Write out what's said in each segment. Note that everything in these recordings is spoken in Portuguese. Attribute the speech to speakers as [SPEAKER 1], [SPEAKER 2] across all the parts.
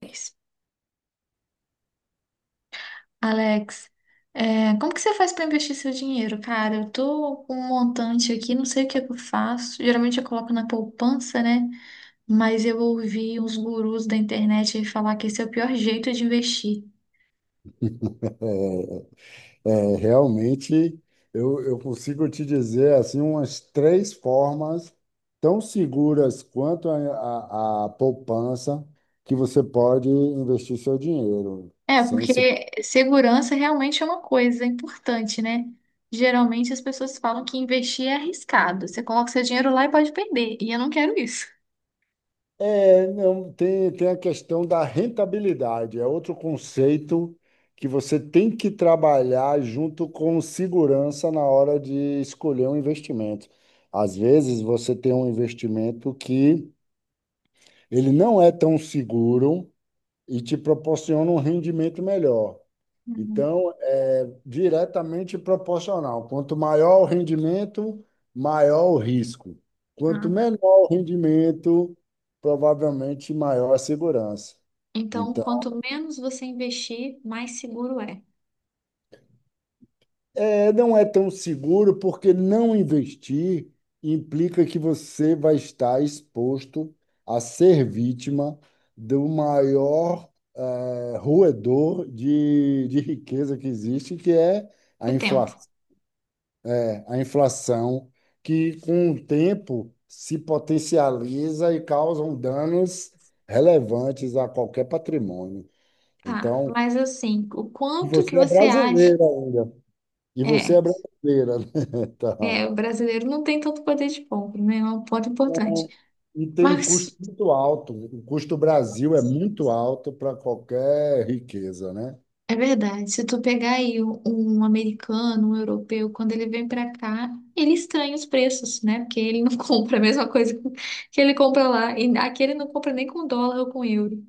[SPEAKER 1] Alex, como que você faz para investir seu dinheiro, cara? Eu tô com um montante aqui, não sei o que é que eu faço. Geralmente eu coloco na poupança, né? Mas eu ouvi uns gurus da internet falar que esse é o pior jeito de investir.
[SPEAKER 2] É, realmente, eu consigo te dizer assim umas três formas tão seguras quanto a poupança que você pode investir seu dinheiro.
[SPEAKER 1] É,
[SPEAKER 2] Sem se...
[SPEAKER 1] porque segurança realmente é uma coisa importante, né? Geralmente as pessoas falam que investir é arriscado. Você coloca seu dinheiro lá e pode perder. E eu não quero isso.
[SPEAKER 2] É, não, tem a questão da rentabilidade, é outro conceito que você tem que trabalhar junto com segurança na hora de escolher um investimento. Às vezes, você tem um investimento que ele não é tão seguro e te proporciona um rendimento melhor.
[SPEAKER 1] Uhum.
[SPEAKER 2] Então, é diretamente proporcional. Quanto maior o rendimento, maior o risco. Quanto
[SPEAKER 1] Ah, tá.
[SPEAKER 2] menor o rendimento, provavelmente maior a segurança.
[SPEAKER 1] Então,
[SPEAKER 2] Então,
[SPEAKER 1] quanto menos você investir, mais seguro é.
[SPEAKER 2] é, não é tão seguro porque não investir implica que você vai estar exposto a ser vítima do maior roedor de riqueza que existe, que é
[SPEAKER 1] O
[SPEAKER 2] a
[SPEAKER 1] tempo.
[SPEAKER 2] inflação, a inflação, que com o tempo se potencializa e causam danos relevantes a qualquer patrimônio.
[SPEAKER 1] Tá,
[SPEAKER 2] Então,
[SPEAKER 1] mas assim, o
[SPEAKER 2] e
[SPEAKER 1] quanto que
[SPEAKER 2] você é
[SPEAKER 1] você acha?
[SPEAKER 2] brasileira ainda. E você é
[SPEAKER 1] É,
[SPEAKER 2] brasileira, né? Tá.
[SPEAKER 1] é, o brasileiro não tem tanto poder de compra, né? É um ponto importante.
[SPEAKER 2] E tem um custo
[SPEAKER 1] Mas
[SPEAKER 2] muito alto. O custo Brasil é muito alto para qualquer riqueza, né?
[SPEAKER 1] é verdade, se tu pegar aí um americano, um europeu, quando ele vem pra cá, ele estranha os preços, né? Porque ele não compra a mesma coisa que ele compra lá. E aqui ele não compra nem com dólar ou com euro.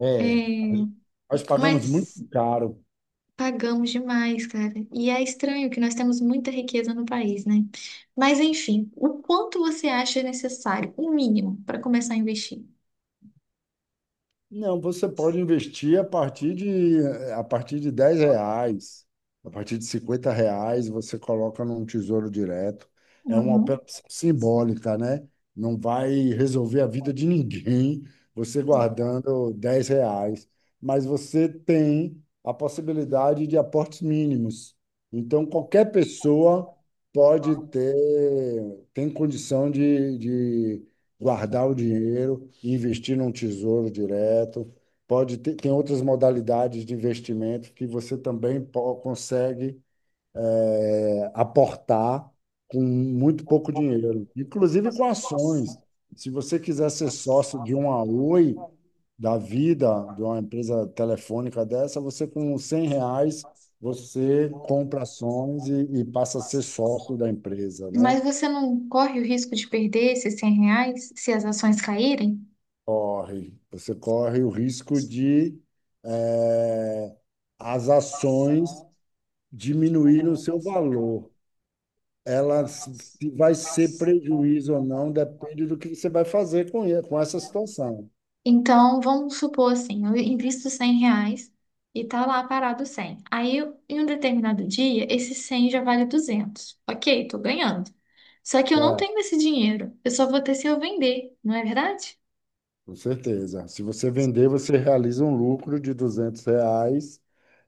[SPEAKER 2] É,
[SPEAKER 1] É,
[SPEAKER 2] nós pagamos muito
[SPEAKER 1] mas.
[SPEAKER 2] caro.
[SPEAKER 1] Pagamos demais, cara. E é estranho que nós temos muita riqueza no país, né? Mas enfim, o quanto você acha necessário, o mínimo, para começar a investir?
[SPEAKER 2] Não, você pode investir a partir de 10 reais, a partir de 50 reais, você coloca num tesouro direto. É uma
[SPEAKER 1] Uhum.
[SPEAKER 2] operação simbólica, né? Não vai resolver a vida de ninguém você guardando 10 reais, mas você tem a possibilidade de aportes mínimos. Então, qualquer pessoa pode ter, tem condição de guardar o dinheiro e investir num tesouro direto. Pode ter, tem outras modalidades de investimento que você também consegue aportar com muito pouco dinheiro, inclusive com ações. Se você quiser ser sócio de uma Oi da vida, de uma empresa telefônica dessa, você com 100 reais, você compra ações e passa a ser sócio da empresa, né?
[SPEAKER 1] Mas você não corre o risco de perder esses R$ 100 se as ações caírem?
[SPEAKER 2] Corre, você corre o risco de eh, as ações diminuírem o seu valor. Ela se vai ser prejuízo ou não, depende do que você vai fazer com essa situação.
[SPEAKER 1] Então, vamos supor assim, eu invisto R$ 100 e tá lá parado 100. Aí, em um determinado dia, esse 100 já vale 200. Ok, tô ganhando. Só que eu não
[SPEAKER 2] Certo,
[SPEAKER 1] tenho esse dinheiro. Eu só vou ter se eu vender, não é verdade?
[SPEAKER 2] com certeza. Se você vender, você realiza um lucro de 200 reais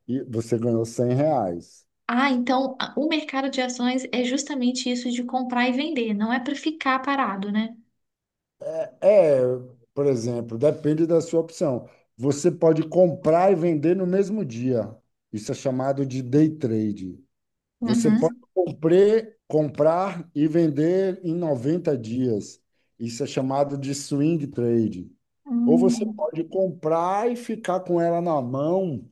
[SPEAKER 2] e você ganhou 100 reais.
[SPEAKER 1] Ah, então o mercado de ações é justamente isso de comprar e vender, não é para ficar parado, né?
[SPEAKER 2] É, por exemplo, depende da sua opção. Você pode comprar e vender no mesmo dia. Isso é chamado de day trade. Você pode
[SPEAKER 1] Uhum.
[SPEAKER 2] comprar e vender em 90 dias. Isso é chamado de swing trade. Ou você
[SPEAKER 1] Hum.
[SPEAKER 2] pode comprar e ficar com ela na mão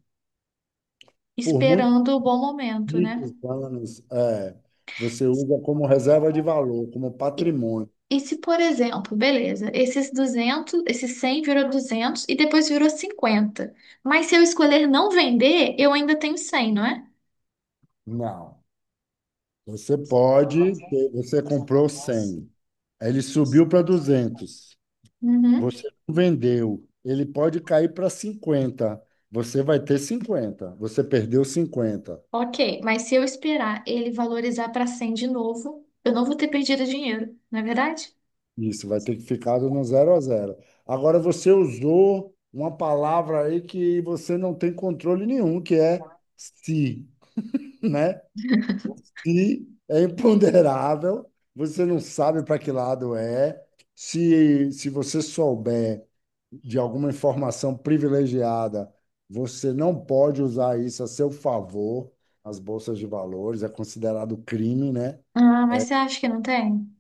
[SPEAKER 2] por muitos,
[SPEAKER 1] Esperando o bom momento,
[SPEAKER 2] muitos
[SPEAKER 1] né?
[SPEAKER 2] anos. É, você usa como reserva de valor, como patrimônio.
[SPEAKER 1] E se, por exemplo, beleza, esses 200, esses 100 virou 200 e depois virou 50. Mas se eu escolher não vender, eu ainda tenho 100, não é?
[SPEAKER 2] Não. Você pode ter, você comprou 100, aí ele subiu para 200.
[SPEAKER 1] Uhum.
[SPEAKER 2] Você não vendeu. Ele pode cair para 50. Você vai ter 50. Você perdeu 50.
[SPEAKER 1] Ok, mas se eu esperar ele valorizar para 100 de novo, eu não vou ter perdido dinheiro, não é verdade?
[SPEAKER 2] Isso, vai ter que ficar no zero a zero. Agora você usou uma palavra aí que você não tem controle nenhum, que é se, né? E é imponderável, você não sabe para que lado é. Se você souber de alguma informação privilegiada, você não pode usar isso a seu favor. As bolsas de valores é considerado crime, né?
[SPEAKER 1] Ah, mas você acha que não tem?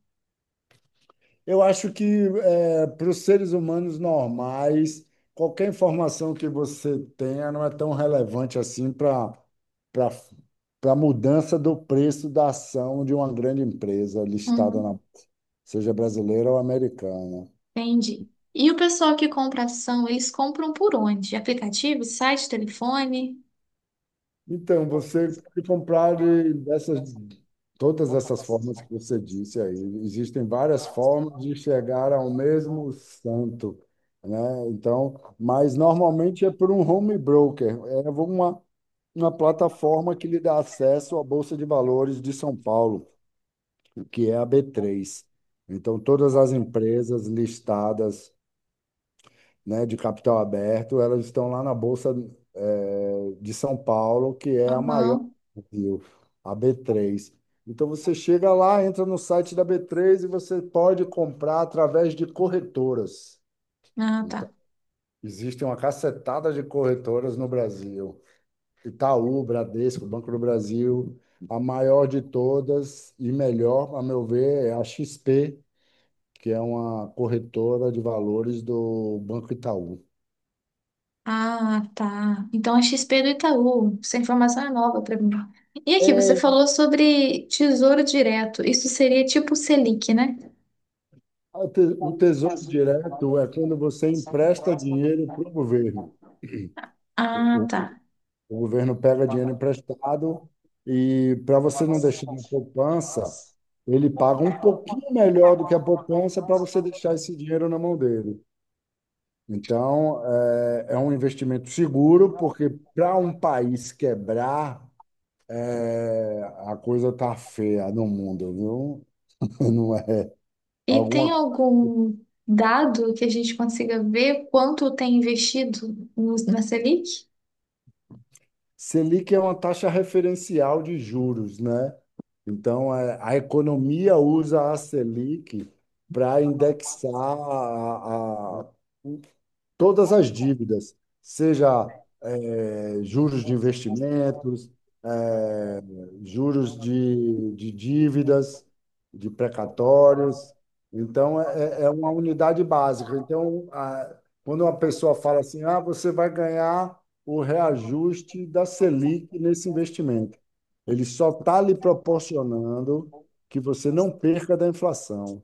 [SPEAKER 2] Eu acho que é, para os seres humanos normais, qualquer informação que você tenha não é tão relevante assim para a mudança do preço da ação de uma grande empresa listada
[SPEAKER 1] Uhum.
[SPEAKER 2] na seja brasileira ou americana.
[SPEAKER 1] Entendi. E o pessoal que compra ação, eles compram por onde? Aplicativo, site, telefone?
[SPEAKER 2] Então, você pode comprar dessas, todas essas formas que você disse aí. Existem várias formas de chegar ao mesmo santo, né? Então, mas normalmente é por um home broker, é uma plataforma que lhe dá acesso à Bolsa de Valores de São Paulo, que é a B3. Então, todas as empresas listadas né, de capital aberto, elas estão lá na Bolsa, de São Paulo, que é a maior
[SPEAKER 1] Aham.
[SPEAKER 2] do Brasil, a B3. Então você chega lá, entra no site da B3 e você pode comprar através de corretoras.
[SPEAKER 1] Ah, tá.
[SPEAKER 2] Então, existem uma cacetada de corretoras no Brasil. Itaú, Bradesco, Banco do Brasil, a maior de todas e melhor, a meu ver, é a XP, que é uma corretora de valores do Banco Itaú.
[SPEAKER 1] Ah, tá. Então a XP do Itaú. Essa informação é nova para mim. E aqui, você
[SPEAKER 2] É.
[SPEAKER 1] falou sobre Tesouro Direto. Isso seria tipo Selic, né?
[SPEAKER 2] O te- o Tesouro Direto é quando você empresta dinheiro para o governo. O,
[SPEAKER 1] Ah, tá.
[SPEAKER 2] o- o governo pega dinheiro emprestado e, para você não deixar na poupança, ele paga um pouquinho melhor do que a poupança para você deixar esse dinheiro na mão dele. Então, é, é um investimento seguro, porque para um país quebrar, é, a coisa tá feia no mundo, viu? Não é.
[SPEAKER 1] E tem
[SPEAKER 2] Alguma
[SPEAKER 1] algum dado que a gente consiga ver quanto tem investido na Selic?
[SPEAKER 2] Selic é uma taxa referencial de juros, né? Então, é, a economia usa a Selic para indexar todas as dívidas, seja juros de investimentos, eh, juros de dívidas, de precatórios. Então, é uma unidade básica. Então, quando uma pessoa fala assim, ah, você vai ganhar o reajuste da Selic nesse investimento, ele só está lhe proporcionando que você não perca da inflação.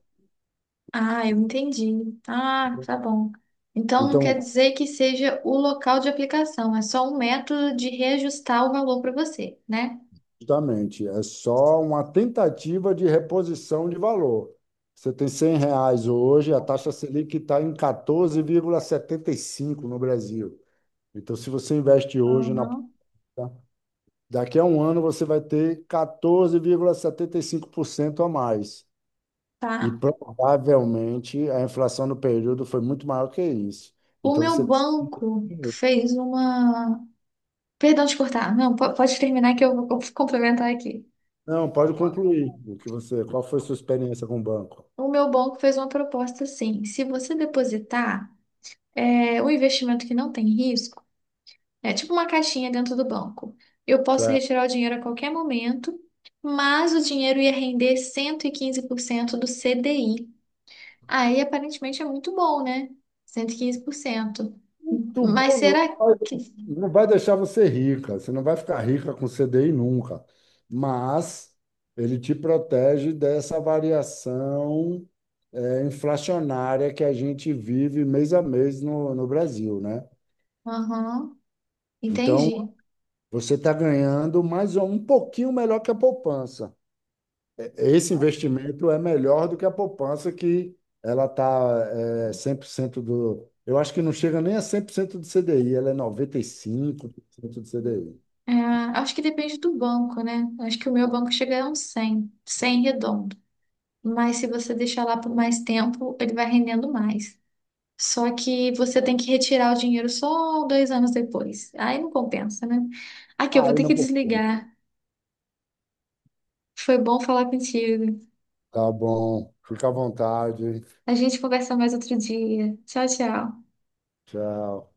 [SPEAKER 1] Ah, eu entendi. Ah, tá bom. Então não quer
[SPEAKER 2] Então,
[SPEAKER 1] dizer que seja o local de aplicação, é só um método de reajustar o valor para você, né?
[SPEAKER 2] justamente, é só uma tentativa de reposição de valor. Você tem 100 reais hoje, a taxa Selic está em 14,75 no Brasil. Então, se você investe hoje na bolsa,
[SPEAKER 1] Uhum.
[SPEAKER 2] daqui a um ano você vai ter 14,75% a mais. E
[SPEAKER 1] Tá.
[SPEAKER 2] provavelmente a inflação no período foi muito maior que isso.
[SPEAKER 1] O
[SPEAKER 2] Então
[SPEAKER 1] meu
[SPEAKER 2] você.
[SPEAKER 1] banco fez uma. Perdão de cortar. Não, pode terminar que eu vou complementar aqui.
[SPEAKER 2] Não, pode concluir o que você. Qual foi sua experiência com o banco?
[SPEAKER 1] O meu banco fez uma proposta assim: se você depositar um investimento que não tem risco, é tipo uma caixinha dentro do banco. Eu posso retirar o dinheiro a qualquer momento, mas o dinheiro ia render 115% do CDI. Aí aparentemente é muito bom, né? 115%. Mas
[SPEAKER 2] Tubão não
[SPEAKER 1] será
[SPEAKER 2] vai,
[SPEAKER 1] que.
[SPEAKER 2] não vai deixar você rica, você não vai ficar rica com CDI nunca, mas ele te protege dessa variação é, inflacionária que a gente vive mês a mês no Brasil, né?
[SPEAKER 1] Aham,
[SPEAKER 2] Então,
[SPEAKER 1] entendi.
[SPEAKER 2] você está ganhando um pouquinho melhor que a poupança. Esse investimento é melhor do que a poupança, que ela está é, 100% do. Eu acho que não chega nem a 100% do CDI, ela é 95% do CDI.
[SPEAKER 1] É, acho que depende do banco, né? Acho que o meu banco chega a uns 100 100 redondo. Mas se você deixar lá por mais tempo, ele vai rendendo mais. Só que você tem que retirar o dinheiro só 2 anos depois. Aí não compensa, né? Aqui, eu vou
[SPEAKER 2] Aí
[SPEAKER 1] ter
[SPEAKER 2] não
[SPEAKER 1] que
[SPEAKER 2] por.
[SPEAKER 1] desligar. Foi bom falar contigo.
[SPEAKER 2] Tá bom. Fica à vontade.
[SPEAKER 1] A gente conversa mais outro dia. Tchau, tchau.
[SPEAKER 2] Tchau.